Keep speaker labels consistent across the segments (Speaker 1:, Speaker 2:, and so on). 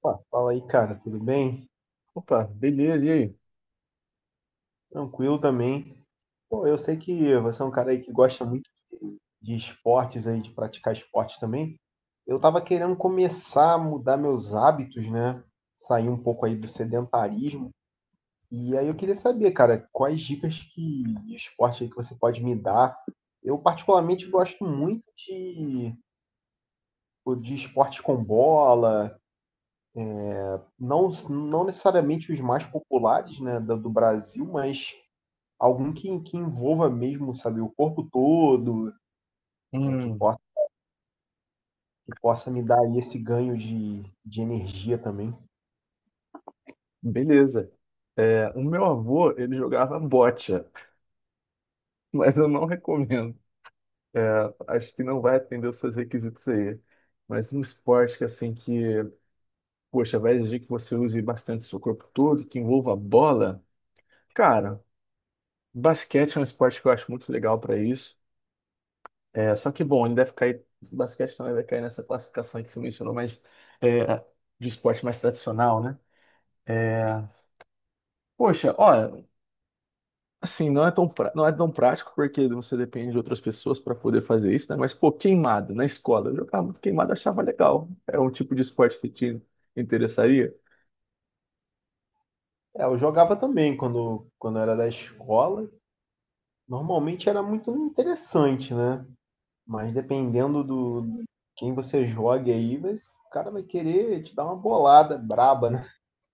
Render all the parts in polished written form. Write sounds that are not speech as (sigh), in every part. Speaker 1: Pá, fala aí, cara, tudo bem?
Speaker 2: Opa, beleza, e aí?
Speaker 1: Tranquilo também. Pô, eu sei que você é um cara aí que gosta muito de esportes aí, de praticar esporte também. Eu tava querendo começar a mudar meus hábitos, né? Sair um pouco aí do sedentarismo. E aí eu queria saber, cara, quais dicas que, de esporte aí que você pode me dar? Eu particularmente gosto muito de esporte com bola, não, não necessariamente os mais populares, né, do Brasil, mas algum que envolva mesmo, sabe, o corpo todo, é,
Speaker 2: Hum,
Speaker 1: que possa me dar aí esse ganho de energia também.
Speaker 2: beleza. O meu avô, ele jogava bocha, (laughs) mas eu não recomendo. É, Acho que não vai atender os seus requisitos aí. Mas um esporte que, assim, poxa, vai exigir que você use bastante seu corpo todo, que envolva bola. Cara, basquete é um esporte que eu acho muito legal para isso. Só que, bom, ele deve cair, basquete também vai cair nessa classificação aí que você mencionou, mas é, de esporte mais tradicional, né? É, Poxa, olha. Assim, não é tão prático porque você depende de outras pessoas para poder fazer isso, né? Mas, pô, queimada na escola. Eu jogava muito queimada, achava legal. É um tipo de esporte que te interessaria.
Speaker 1: É, eu jogava também quando, quando era da escola. Normalmente era muito interessante, né? Mas dependendo do de quem você jogue aí, mas o cara vai querer te dar uma bolada braba, né?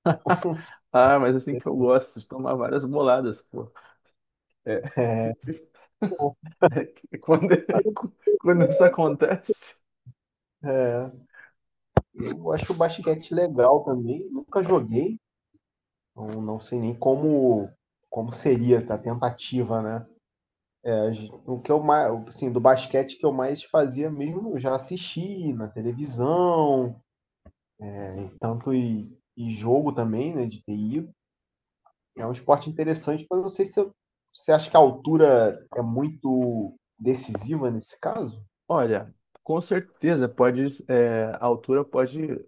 Speaker 2: (laughs) Ah, mas assim que eu gosto de tomar várias boladas, pô. É.
Speaker 1: (laughs)
Speaker 2: (laughs) É que (laughs) quando isso acontece.
Speaker 1: É, eu acho o basquete legal também. Nunca joguei, não, não sei nem como, como seria a tentativa, né? O que eu mais, assim, do basquete que eu mais fazia mesmo, eu já assisti na televisão, tanto e jogo também, né, de TI. É um esporte interessante, mas eu não sei se eu- você acha que a altura é muito decisiva nesse caso.
Speaker 2: Olha, com certeza a altura pode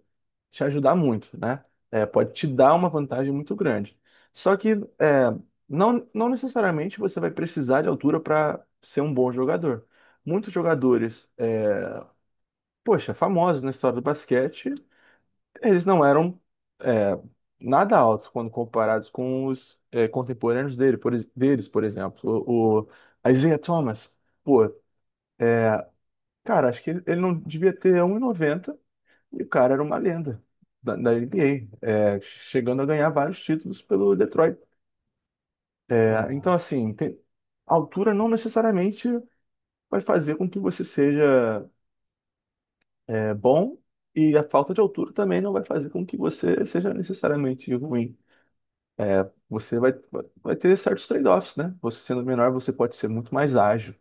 Speaker 2: te ajudar muito, né? Pode te dar uma vantagem muito grande. Só que é, não necessariamente você vai precisar de altura para ser um bom jogador. Muitos jogadores, poxa, famosos na história do basquete, eles não eram é, nada altos quando comparados com os contemporâneos deles, por exemplo. O Isaiah Thomas, pô, cara, acho que ele não devia ter 1,90. E o cara era uma lenda da NBA, chegando a ganhar vários títulos pelo Detroit.
Speaker 1: Ah,
Speaker 2: Então, assim, a altura não necessariamente vai fazer com que você seja bom, e a falta de altura também não vai fazer com que você seja necessariamente ruim. Você vai ter certos trade-offs, né? Você sendo menor, você pode ser muito mais ágil,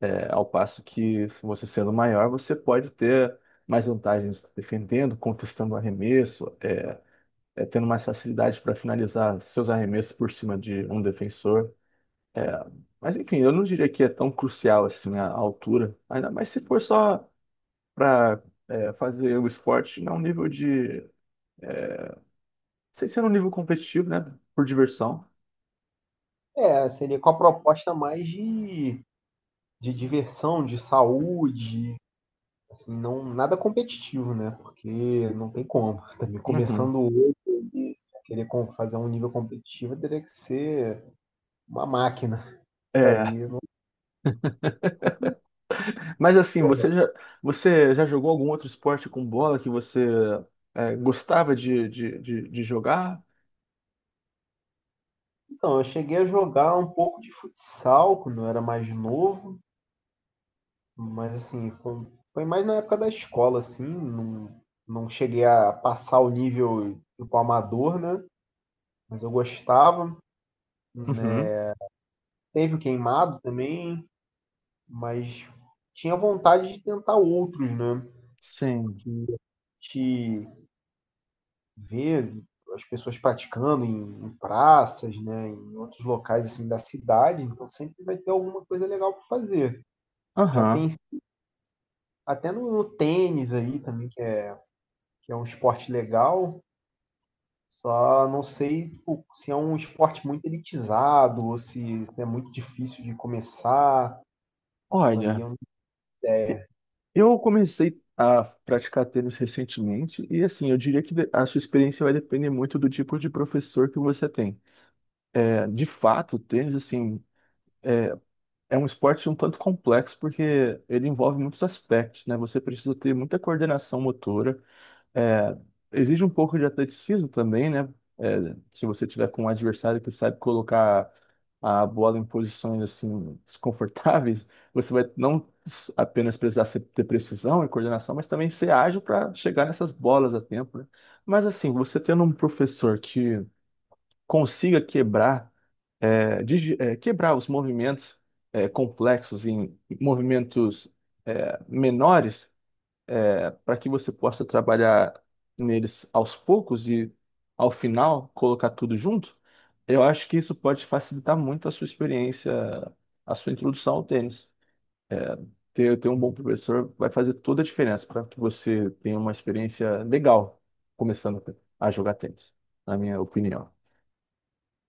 Speaker 2: ao passo que você sendo maior, você pode ter mais vantagens defendendo, contestando arremesso. Tendo mais facilidade para finalizar seus arremessos por cima de um defensor. É, mas enfim, eu não diria que é tão crucial assim a altura, ainda mais se for só para fazer o esporte sem ser um nível competitivo, né? Por diversão.
Speaker 1: é, seria com a proposta mais de diversão, de saúde, assim, não nada competitivo, né? Porque não tem como. Também
Speaker 2: Uhum.
Speaker 1: começando hoje, querer com- fazer um nível competitivo teria que ser uma máquina. (laughs)
Speaker 2: É,
Speaker 1: Aí, não-
Speaker 2: (laughs) mas assim,
Speaker 1: Pô,
Speaker 2: você já jogou algum outro esporte com bola que você gostava de jogar?
Speaker 1: então, eu cheguei a jogar um pouco de futsal quando eu era mais novo, mas assim, foi, foi mais na época da escola, assim, não, não cheguei a passar o nível tipo amador, né? Mas eu gostava, né?
Speaker 2: Uhum.
Speaker 1: Teve o queimado também, mas tinha vontade de tentar outros, né?
Speaker 2: Sim.
Speaker 1: Que te ver as pessoas praticando em, em praças, né, em outros locais assim da cidade, então sempre vai ter alguma coisa legal para fazer. Já
Speaker 2: Aham.
Speaker 1: pensei até no, no tênis aí também, que é um esporte legal, só não sei tipo, se é um esporte muito elitizado ou se é muito difícil de começar. Isso aí
Speaker 2: Olha.
Speaker 1: eu
Speaker 2: Eu comecei a praticar tênis recentemente e assim, eu diria que a sua experiência vai depender muito do tipo de professor que você tem. De fato, o tênis assim é, é um esporte um tanto complexo porque ele envolve muitos aspectos, né? Você precisa ter muita coordenação motora, é, exige um pouco de atleticismo também, né? Se você tiver com um adversário que sabe colocar a bola em posições assim (laughs) desconfortáveis, você vai não apenas precisar ter precisão e coordenação, mas também ser ágil para chegar nessas bolas a tempo, né? Mas assim, você tendo um professor que consiga quebrar os movimentos complexos em movimentos menores para que você possa trabalhar neles aos poucos e ao final colocar tudo junto, eu acho que isso pode facilitar muito a sua experiência, a sua introdução ao tênis. É, ter um bom professor vai fazer toda a diferença para que você tenha uma experiência legal começando a jogar tênis, na minha opinião.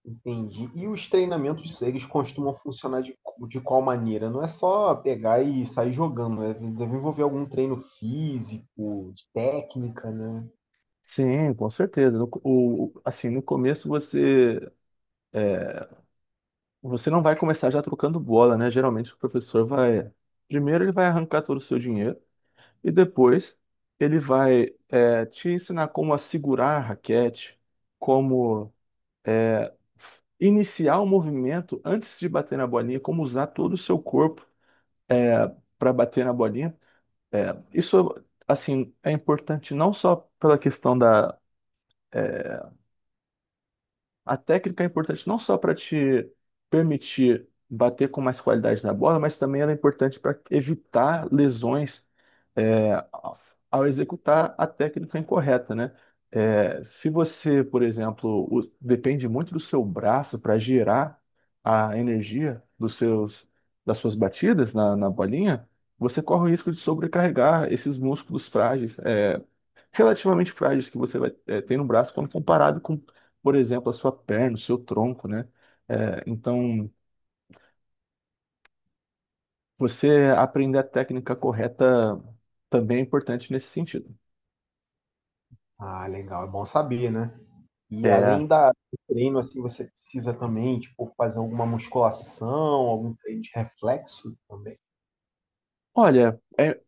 Speaker 1: entendi. E os treinamentos, eles costumam funcionar de qual maneira? Não é só pegar e sair jogando, né? Deve envolver algum treino físico, de técnica, né?
Speaker 2: Sim, com certeza. No co- o- Assim, no começo você não vai começar já trocando bola, né? Geralmente o professor vai, primeiro ele vai arrancar todo o seu dinheiro. E depois ele vai te ensinar como assegurar a raquete, como é, iniciar o movimento antes de bater na bolinha, como usar todo o seu corpo é, para bater na bolinha. É, isso, é importante não só pela questão da é, A técnica é importante não só para te permitir bater com mais qualidade na bola, mas também ela é importante para evitar lesões é, ao ao executar a técnica incorreta, né? Se você, por exemplo, depende muito do seu braço para gerar a energia das suas batidas na bolinha, você corre o risco de sobrecarregar esses músculos frágeis, relativamente frágeis que você vai ter no braço quando comparado com, por exemplo, a sua perna, o seu tronco, né? Então, você aprender a técnica correta também é importante nesse sentido.
Speaker 1: Ah, legal, é bom saber, né? E
Speaker 2: É,
Speaker 1: além da, do treino, assim, você precisa também, tipo, fazer alguma musculação, algum treino de reflexo também.
Speaker 2: Olha,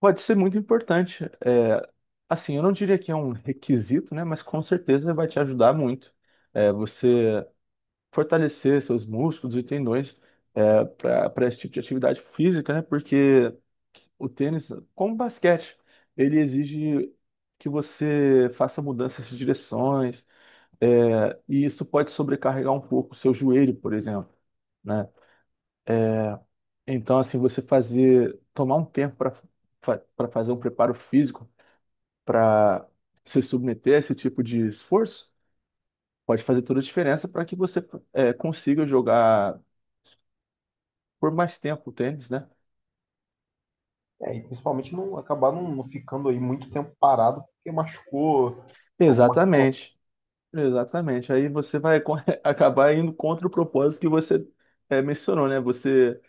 Speaker 2: pode ser muito importante. Assim, eu não diria que é um requisito, né? Mas com certeza vai te ajudar muito. Você fortalecer seus músculos e tendões para esse tipo de atividade física, né? Porque o tênis, como o basquete, ele exige que você faça mudanças de direções, e isso pode sobrecarregar um pouco o seu joelho, por exemplo, né? Então, assim, você tomar um tempo para fazer um preparo físico, para se submeter a esse tipo de esforço, pode fazer toda a diferença para que você consiga jogar por mais tempo o tênis, né?
Speaker 1: É, e principalmente não acabar não, não ficando aí muito tempo parado porque machucou alguma...
Speaker 2: Exatamente, exatamente. Aí você vai (laughs) acabar indo contra o propósito que você mencionou, né? Você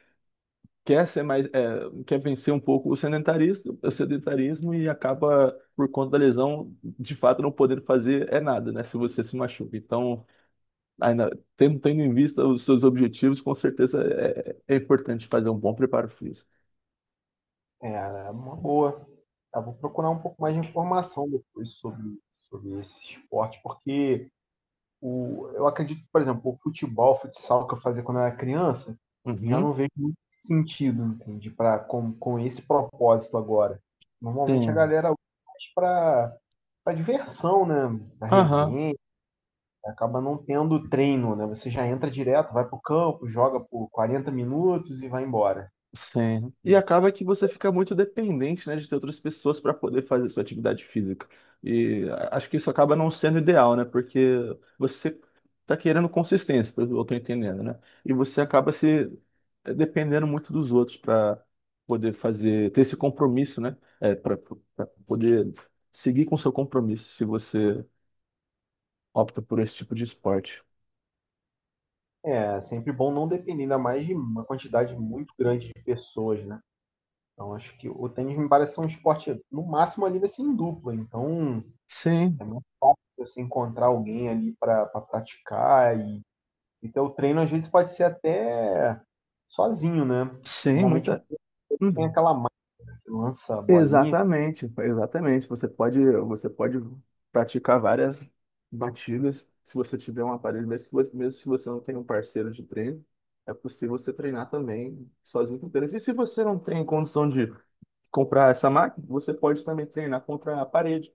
Speaker 2: quer ser mais, eh, quer vencer um pouco o sedentarismo e acaba por conta da lesão, de fato não podendo fazer nada, né? Se você se machuca. Então, ainda tendo em vista os seus objetivos, com certeza é importante fazer um bom preparo físico.
Speaker 1: É, é uma boa. Eu vou procurar um pouco mais de informação depois sobre, sobre esse esporte, porque o, eu acredito que, por exemplo, o futebol, o futsal que eu fazia quando eu era criança, já
Speaker 2: Uhum.
Speaker 1: não vejo muito sentido, entende? Pra, com esse propósito agora. Normalmente a
Speaker 2: Sim.
Speaker 1: galera usa mais para para diversão, né? Para
Speaker 2: Aham.
Speaker 1: resenha, acaba não tendo treino, né? Você já entra direto, vai para o campo, joga por 40 minutos e vai embora.
Speaker 2: Sim. E acaba que você fica muito dependente, né, de ter outras pessoas para poder fazer sua atividade física. E acho que isso acaba não sendo ideal, né? Porque você tá querendo consistência, pelo que eu tô entendendo, né? E você acaba se dependendo muito dos outros para poder ter esse compromisso, né? Para poder seguir com seu compromisso se você opta por esse tipo de esporte.
Speaker 1: É, é sempre bom não depender, ainda mais de uma quantidade muito grande de pessoas, né. Então acho que o tênis me parece ser um esporte, no máximo ali vai ser em dupla, então é
Speaker 2: Sim,
Speaker 1: muito fácil você encontrar alguém ali para praticar e ter o treino às vezes pode ser até sozinho, né.
Speaker 2: sim,
Speaker 1: Normalmente
Speaker 2: muita.
Speaker 1: tem aquela máquina que lança a bolinha,
Speaker 2: Exatamente, exatamente. Você pode praticar várias batidas se você tiver um aparelho, mesmo se você não tem um parceiro de treino, é possível você treinar também sozinho com tênis. E se você não tem condição de comprar essa máquina, você pode também treinar contra a parede.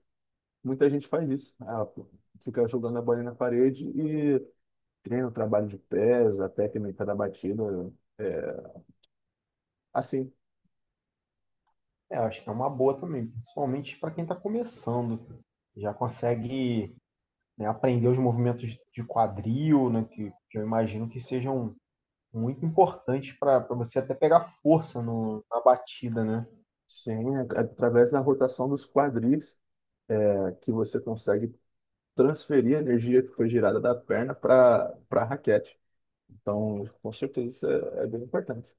Speaker 2: Muita gente faz isso. Ah, pô, fica jogando a bola na parede e treina o trabalho de pés, a técnica da batida, é, assim.
Speaker 1: é, eu acho que é uma boa também, principalmente para quem está começando. Já consegue, né, aprender os movimentos de quadril, né, que eu imagino que sejam muito importante para você até pegar força no, na batida, né?
Speaker 2: Sim, é através da rotação dos quadris que você consegue transferir a energia que foi gerada da perna para a raquete. Então, com certeza isso é bem importante.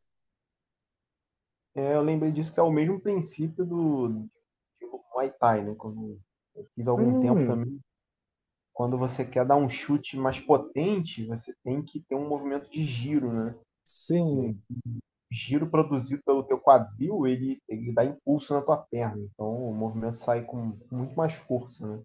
Speaker 1: É, eu lembrei disso que é o mesmo princípio do, do Muay Thai, né? Quando eu fiz algum tempo
Speaker 2: Hum,
Speaker 1: também. Quando você quer dar um chute mais potente, você tem que ter um movimento de giro, né? O
Speaker 2: sim.
Speaker 1: giro produzido pelo teu quadril, ele dá impulso na tua perna. Então o movimento sai com muito mais força, né?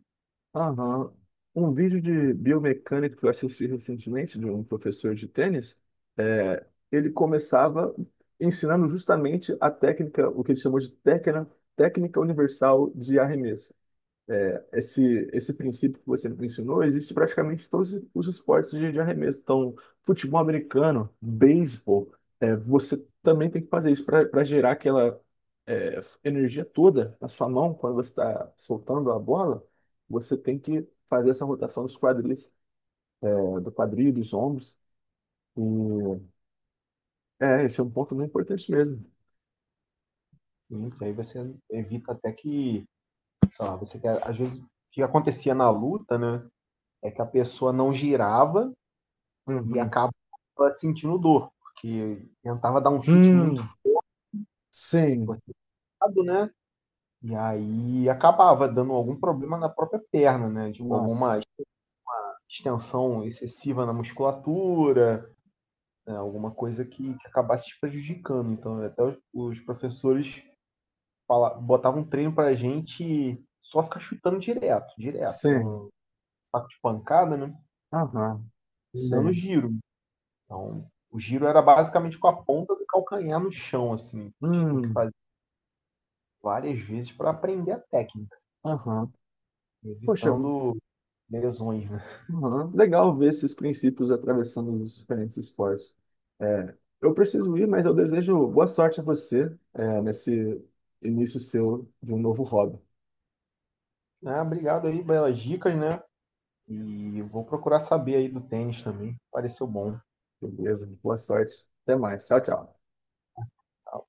Speaker 2: Aham. Um vídeo de biomecânica que eu assisti recentemente de um professor de tênis, é, ele começava ensinando justamente a técnica, o que ele chamou de técnica universal de arremesso. Esse princípio que você me ensinou existe praticamente em todos os esportes de arremesso. Então, futebol americano, beisebol, você também tem que fazer isso para gerar aquela energia toda na sua mão quando você está soltando a bola. Você tem que fazer essa rotação dos quadris, do quadril, dos ombros. E esse é um ponto muito importante mesmo.
Speaker 1: E aí você evita até que, sei lá, você quer, às vezes o que acontecia na luta, né? É que a pessoa não girava e
Speaker 2: Uhum.
Speaker 1: acabava sentindo dor, porque tentava dar um chute muito
Speaker 2: Hum, sim.
Speaker 1: forçado, né? E aí acabava dando algum problema na própria perna, né? Tipo, alguma
Speaker 2: Nossa.
Speaker 1: extensão excessiva na musculatura, né? Alguma coisa que acabasse te prejudicando. Então, até os professores fala, botavam um treino pra gente só ficar chutando direto, direto,
Speaker 2: Sim.
Speaker 1: no saco de pancada, né?
Speaker 2: Aham.
Speaker 1: Dando
Speaker 2: Sim.
Speaker 1: giro. Então, o giro era basicamente com a ponta do calcanhar no chão, assim. A gente tinha que
Speaker 2: Hum.
Speaker 1: fazer várias vezes para aprender a técnica,
Speaker 2: Aham. Poxa,
Speaker 1: evitando lesões, né?
Speaker 2: legal ver esses princípios atravessando os diferentes esportes. É, eu preciso ir, mas eu desejo boa sorte a você, nesse início seu de um novo hobby.
Speaker 1: Ah, obrigado aí, belas dicas, né? E vou procurar saber aí do tênis também. Pareceu bom.
Speaker 2: Beleza? Boa sorte. Até mais. Tchau, tchau.
Speaker 1: Tá?